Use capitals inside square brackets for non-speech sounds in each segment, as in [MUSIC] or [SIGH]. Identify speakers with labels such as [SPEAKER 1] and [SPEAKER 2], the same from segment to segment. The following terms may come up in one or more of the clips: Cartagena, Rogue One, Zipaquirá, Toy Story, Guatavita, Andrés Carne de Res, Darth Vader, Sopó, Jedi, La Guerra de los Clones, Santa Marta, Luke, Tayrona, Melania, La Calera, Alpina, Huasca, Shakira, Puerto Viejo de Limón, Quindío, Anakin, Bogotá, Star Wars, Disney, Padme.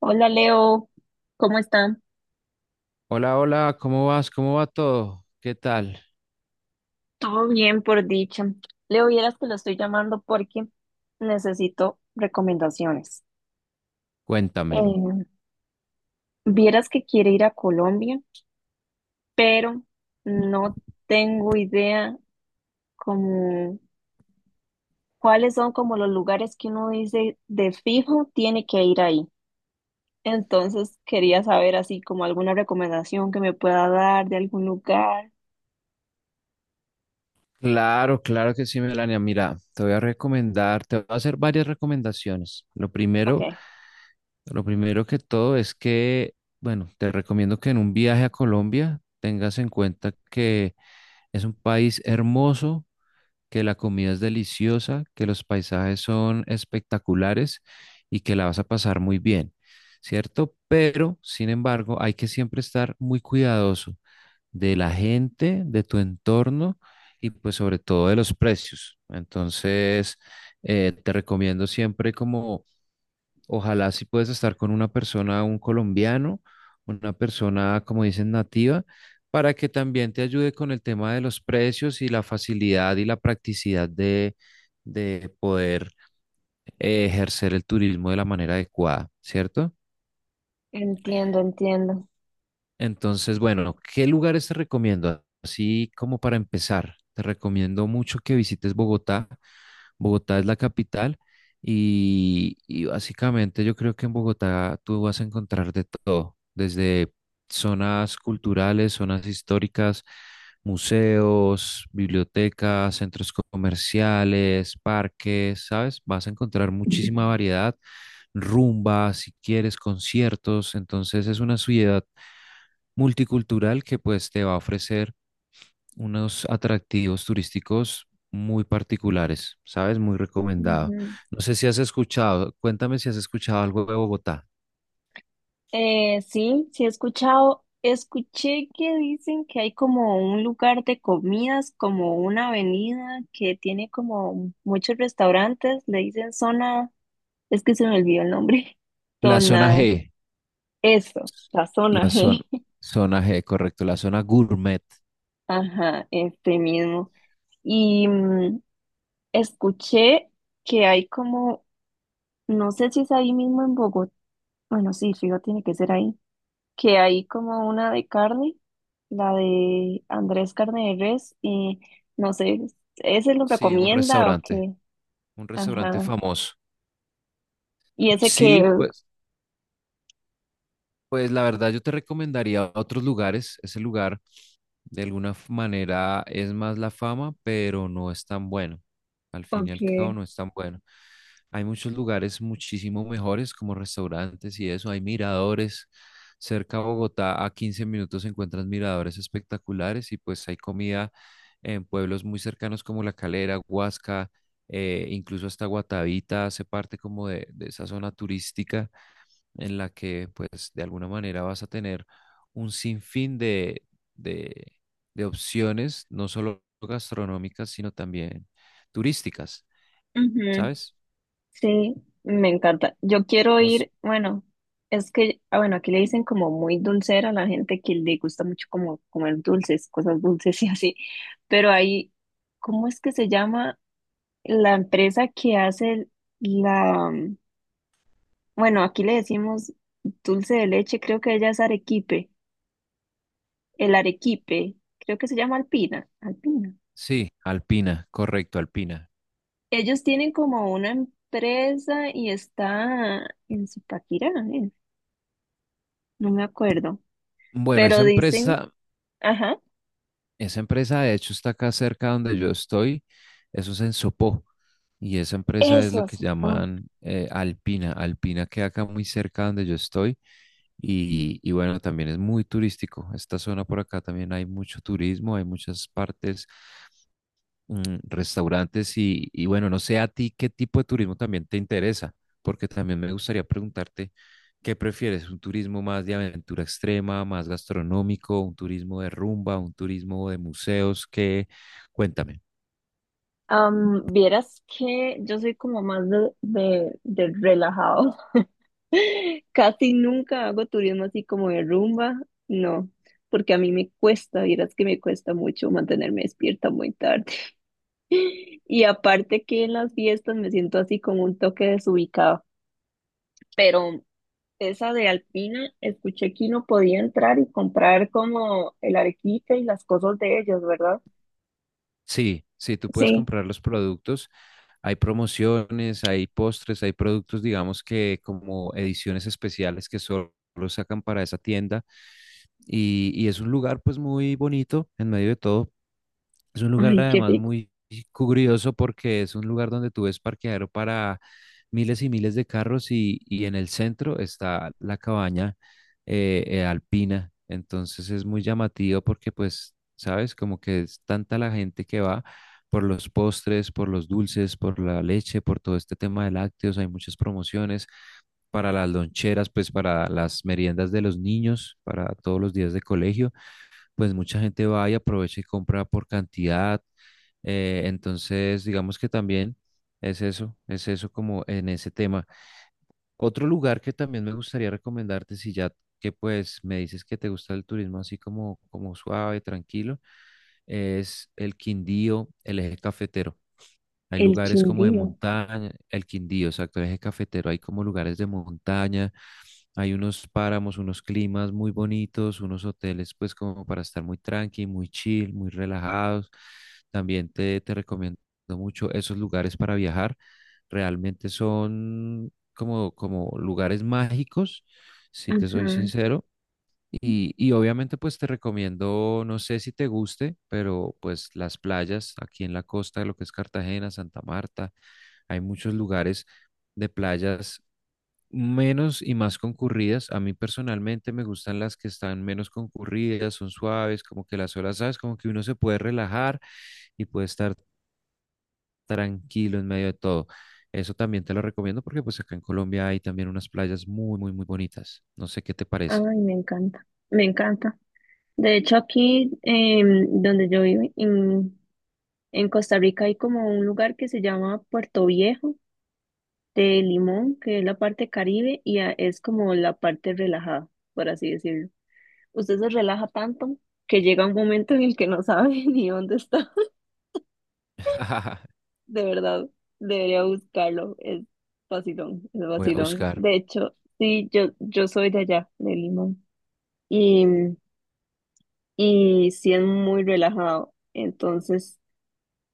[SPEAKER 1] Hola Leo, ¿cómo están?
[SPEAKER 2] Hola, hola, ¿cómo vas? ¿Cómo va todo? ¿Qué tal?
[SPEAKER 1] Todo bien por dicha. Leo, vieras que lo estoy llamando porque necesito recomendaciones.
[SPEAKER 2] Cuéntamelo.
[SPEAKER 1] Eh, Vieras que quiere ir a Colombia, pero no tengo idea como cuáles son como los lugares que uno dice de fijo tiene que ir ahí. Entonces quería saber así como alguna recomendación que me pueda dar de algún lugar.
[SPEAKER 2] Claro, claro que sí, Melania. Mira, te voy a recomendar, te voy a hacer varias recomendaciones. Lo
[SPEAKER 1] Ok,
[SPEAKER 2] primero, lo primero que todo es que, bueno, te recomiendo que en un viaje a Colombia tengas en cuenta que es un país hermoso, que la comida es deliciosa, que los paisajes son espectaculares y que la vas a pasar muy bien, ¿cierto? Pero, sin embargo, hay que siempre estar muy cuidadoso de la gente, de tu entorno y pues sobre todo de los precios. Entonces, te recomiendo siempre como, ojalá si puedes estar con una persona, un colombiano, una persona, como dicen, nativa, para que también te ayude con el tema de los precios y la facilidad y la practicidad de poder ejercer el turismo de la manera adecuada, ¿cierto?
[SPEAKER 1] entiendo, entiendo.
[SPEAKER 2] Entonces, bueno, ¿qué lugares te recomiendo? Así como para empezar, te recomiendo mucho que visites Bogotá. Bogotá es la capital y básicamente yo creo que en Bogotá tú vas a encontrar de todo, desde zonas culturales, zonas históricas, museos, bibliotecas, centros comerciales, parques, ¿sabes? Vas a encontrar muchísima variedad, rumba, si quieres, conciertos, entonces es una ciudad multicultural que pues te va a ofrecer unos atractivos turísticos muy particulares, ¿sabes? Muy recomendado.
[SPEAKER 1] Ujú.
[SPEAKER 2] No sé si has escuchado, cuéntame si has escuchado algo de Bogotá.
[SPEAKER 1] Sí, sí he escuchado, escuché que dicen que hay como un lugar de comidas, como una avenida que tiene como muchos restaurantes, le dicen zona, es que se me olvidó el nombre, [LAUGHS]
[SPEAKER 2] La zona
[SPEAKER 1] zona,
[SPEAKER 2] G,
[SPEAKER 1] eso, la zona
[SPEAKER 2] la zona,
[SPEAKER 1] G, [LAUGHS]
[SPEAKER 2] zona G, correcto, la zona gourmet.
[SPEAKER 1] ajá, este mismo. Y escuché que hay como, no sé si es ahí mismo en Bogotá, bueno, sí, fijo, tiene que ser ahí que hay como una de carne, la de Andrés Carne de Res, y no sé, ¿ese lo
[SPEAKER 2] Sí,
[SPEAKER 1] recomienda o qué?
[SPEAKER 2] un restaurante
[SPEAKER 1] Ajá.
[SPEAKER 2] famoso.
[SPEAKER 1] Y ese
[SPEAKER 2] Sí,
[SPEAKER 1] que,
[SPEAKER 2] pues. Pues la verdad yo te recomendaría otros lugares. Ese lugar de manera es más la fama, pero no es tan bueno. Al
[SPEAKER 1] o
[SPEAKER 2] fin y al cabo
[SPEAKER 1] que,
[SPEAKER 2] no es tan bueno. Hay muchos lugares muchísimo mejores como restaurantes y eso. Hay miradores. Cerca a Bogotá, a 15 minutos se encuentran miradores espectaculares y pues hay comida en pueblos muy cercanos como La Calera, Huasca, incluso hasta Guatavita hace parte como de esa zona turística en la que pues de alguna manera vas a tener un sinfín de, de opciones, no solo gastronómicas, sino también turísticas,
[SPEAKER 1] ujú,
[SPEAKER 2] ¿sabes?
[SPEAKER 1] sí, me encanta. Yo quiero
[SPEAKER 2] Nos-
[SPEAKER 1] ir, bueno, es que, ah, bueno, aquí le dicen como muy dulcera a la gente que le gusta mucho como comer dulces, cosas dulces [LAUGHS] y así, pero ahí, ¿cómo es que se llama la empresa que hace la... Bueno, aquí le decimos dulce de leche, creo que ella es arequipe, el arequipe, creo que se llama Alpina, Alpina.
[SPEAKER 2] sí, Alpina, correcto, Alpina.
[SPEAKER 1] Ellos tienen como una empresa y está en Zipaquirá, ¿eh? No me acuerdo,
[SPEAKER 2] Bueno,
[SPEAKER 1] pero
[SPEAKER 2] esa
[SPEAKER 1] dicen,
[SPEAKER 2] empresa.
[SPEAKER 1] ajá,
[SPEAKER 2] Esa empresa, de hecho, está acá cerca donde yo estoy. Eso es en Sopó. Y esa empresa es
[SPEAKER 1] eso,
[SPEAKER 2] lo que
[SPEAKER 1] eso. Oh,
[SPEAKER 2] llaman Alpina. Alpina queda acá muy cerca donde yo estoy. Y bueno, también es muy turístico. Esta zona por acá también hay mucho turismo, hay muchas partes, restaurantes y bueno, no sé a ti qué tipo de turismo también te interesa, porque también me gustaría preguntarte qué prefieres, un turismo más de aventura extrema, más gastronómico, un turismo de rumba, un turismo de museos, qué, cuéntame.
[SPEAKER 1] am, vieras que yo soy como más de relajado. [LAUGHS] Casi nunca hago turismo así como de rumba, no, porque a mí me cuesta, vieras que me cuesta mucho mantenerme despierta muy tarde. Y aparte que en las fiestas me siento así como un toque desubicado. Pero esa de Alpina, escuché que uno podía entrar y comprar como el arequipe y las cosas de ellos, ¿verdad?
[SPEAKER 2] Sí, sí, tú puedes
[SPEAKER 1] Sí.
[SPEAKER 2] comprar los productos. Hay promociones, hay postres, hay productos, digamos que como ediciones especiales que solo sacan para esa tienda y es un lugar pues muy bonito en medio de todo. Es un lugar
[SPEAKER 1] Ay, qué
[SPEAKER 2] además
[SPEAKER 1] rico.
[SPEAKER 2] muy curioso porque es un lugar donde tú ves parqueadero para miles y miles de carros y en el centro está la cabaña alpina. Entonces es muy llamativo porque pues, sabes, como que es tanta la gente que va por los postres, por los dulces, por la leche, por todo este tema de lácteos. Hay muchas promociones para las loncheras, pues para las meriendas de los niños, para todos los días de colegio, pues mucha gente va y aprovecha y compra por cantidad. Entonces, digamos que también es eso como en ese tema. Otro lugar que también me gustaría recomendarte, si ya que pues me dices que te gusta el turismo así como, como suave, tranquilo, es el Quindío, el eje cafetero. Hay
[SPEAKER 1] El
[SPEAKER 2] lugares como de
[SPEAKER 1] Quindío.
[SPEAKER 2] montaña, el Quindío, exacto, el eje cafetero, hay como lugares de montaña, hay unos páramos, unos climas muy bonitos, unos hoteles pues como para estar muy tranqui, muy chill, muy relajados. También te recomiendo mucho esos lugares para viajar. Realmente son como, como lugares mágicos, si te soy
[SPEAKER 1] Ajá.
[SPEAKER 2] sincero y obviamente pues te recomiendo, no sé si te guste, pero pues las playas aquí en la costa de lo que es Cartagena, Santa Marta, hay muchos lugares de playas menos y más concurridas. A mí personalmente me gustan las que están menos concurridas, son suaves, como que las olas, ¿sabes? Como que uno se puede relajar y puede estar tranquilo en medio de todo. Eso también te lo recomiendo porque pues acá en Colombia hay también unas playas muy, muy, muy bonitas. No sé qué te parece.
[SPEAKER 1] Ay, me encanta. Me encanta. De hecho, aquí donde yo vivo, en Costa Rica, hay como un lugar que se llama Puerto Viejo de Limón, que es la parte Caribe, y a- es como la parte relajada, por así decirlo. Usted se relaja tanto que llega un momento en el que no sabe [LAUGHS] ni dónde está.
[SPEAKER 2] [LAUGHS]
[SPEAKER 1] De verdad, debería buscarlo. Es vacilón, es
[SPEAKER 2] Voy a
[SPEAKER 1] vacilón.
[SPEAKER 2] buscar.
[SPEAKER 1] De hecho, sí, yo soy de allá, de Limón, y, y sí es muy relajado. Entonces,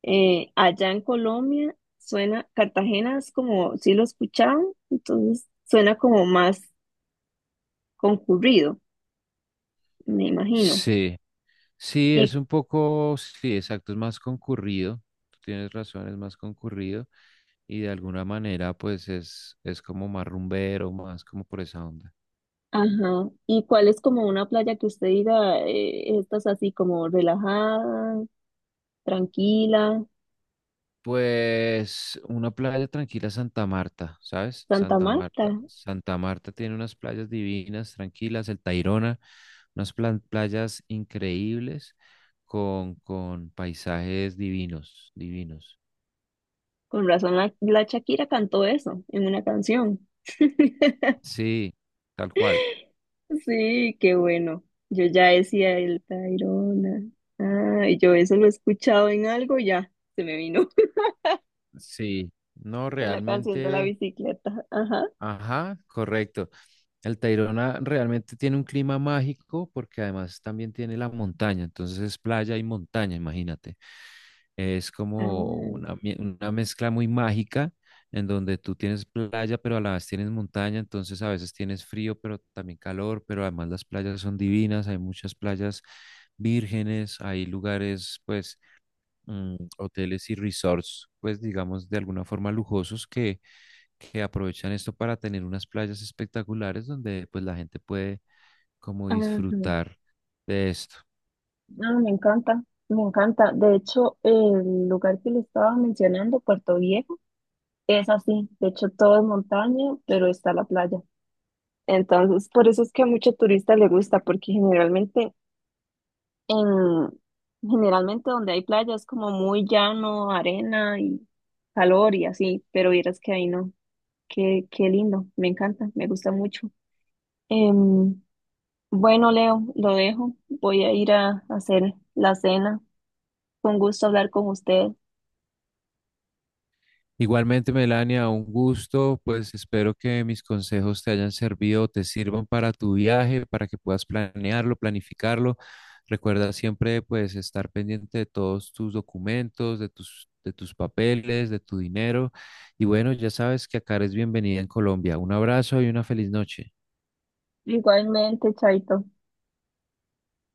[SPEAKER 1] allá en Colombia suena, Cartagena es como, sí lo escuchaban, entonces suena como más concurrido me imagino.
[SPEAKER 2] Sí, sí,
[SPEAKER 1] Y,
[SPEAKER 2] es un poco, sí, exacto, es más concurrido, tú tienes razón, es más concurrido y de alguna manera pues es como más rumbero, más como por esa onda.
[SPEAKER 1] ajá, ¿y cuál es como una playa que usted diga, esta es así como relajada, tranquila?
[SPEAKER 2] Pues una playa tranquila, Santa Marta, ¿sabes?
[SPEAKER 1] Santa
[SPEAKER 2] Santa
[SPEAKER 1] Marta.
[SPEAKER 2] Marta. Santa Marta tiene unas playas divinas, tranquilas, el Tayrona, playas increíbles con paisajes divinos, divinos.
[SPEAKER 1] Con razón la, la Shakira cantó eso en una canción. [LAUGHS]
[SPEAKER 2] Sí, tal cual.
[SPEAKER 1] Sí, qué bueno. Yo ya decía el Tayrona. Ah, y yo eso lo he escuchado en algo, y ya se me vino
[SPEAKER 2] Sí, no,
[SPEAKER 1] [LAUGHS] en la canción de la
[SPEAKER 2] realmente,
[SPEAKER 1] bicicleta. Ajá.
[SPEAKER 2] ajá, correcto. El Tayrona realmente tiene un clima mágico porque además también tiene la montaña, entonces es playa y montaña, imagínate. Es como
[SPEAKER 1] Ah,
[SPEAKER 2] una, una mezcla muy mágica en donde tú tienes playa, pero a la vez tienes montaña, entonces a veces tienes frío, pero también calor, pero además las playas son divinas, hay muchas playas vírgenes, hay lugares, pues, hoteles y resorts, pues digamos de alguna forma lujosos que aprovechan esto para tener unas playas espectaculares donde pues la gente puede como
[SPEAKER 1] ajá.
[SPEAKER 2] disfrutar de esto.
[SPEAKER 1] Ah, me encanta, me encanta. De hecho, el lugar que le estaba mencionando, Puerto Viejo, es así. De hecho, todo es montaña, pero está la playa. Entonces, por eso es que a mucho turista le gusta, porque generalmente en, generalmente donde hay playa es como muy llano, arena y calor y así, pero vieras que ahí no. Qué, qué lindo, me encanta, me gusta mucho. Em, bueno, Leo, lo dejo. Voy a ir a hacer la cena. Fue un gusto hablar con usted.
[SPEAKER 2] Igualmente, Melania, un gusto, pues espero que mis consejos te hayan servido, te sirvan para tu viaje, para que puedas planearlo, planificarlo. Recuerda siempre pues estar pendiente de todos tus documentos, de tus papeles, de tu dinero. Y bueno, ya sabes que acá eres bienvenida en Colombia. Un abrazo y una feliz noche.
[SPEAKER 1] Igualmente, Chaito.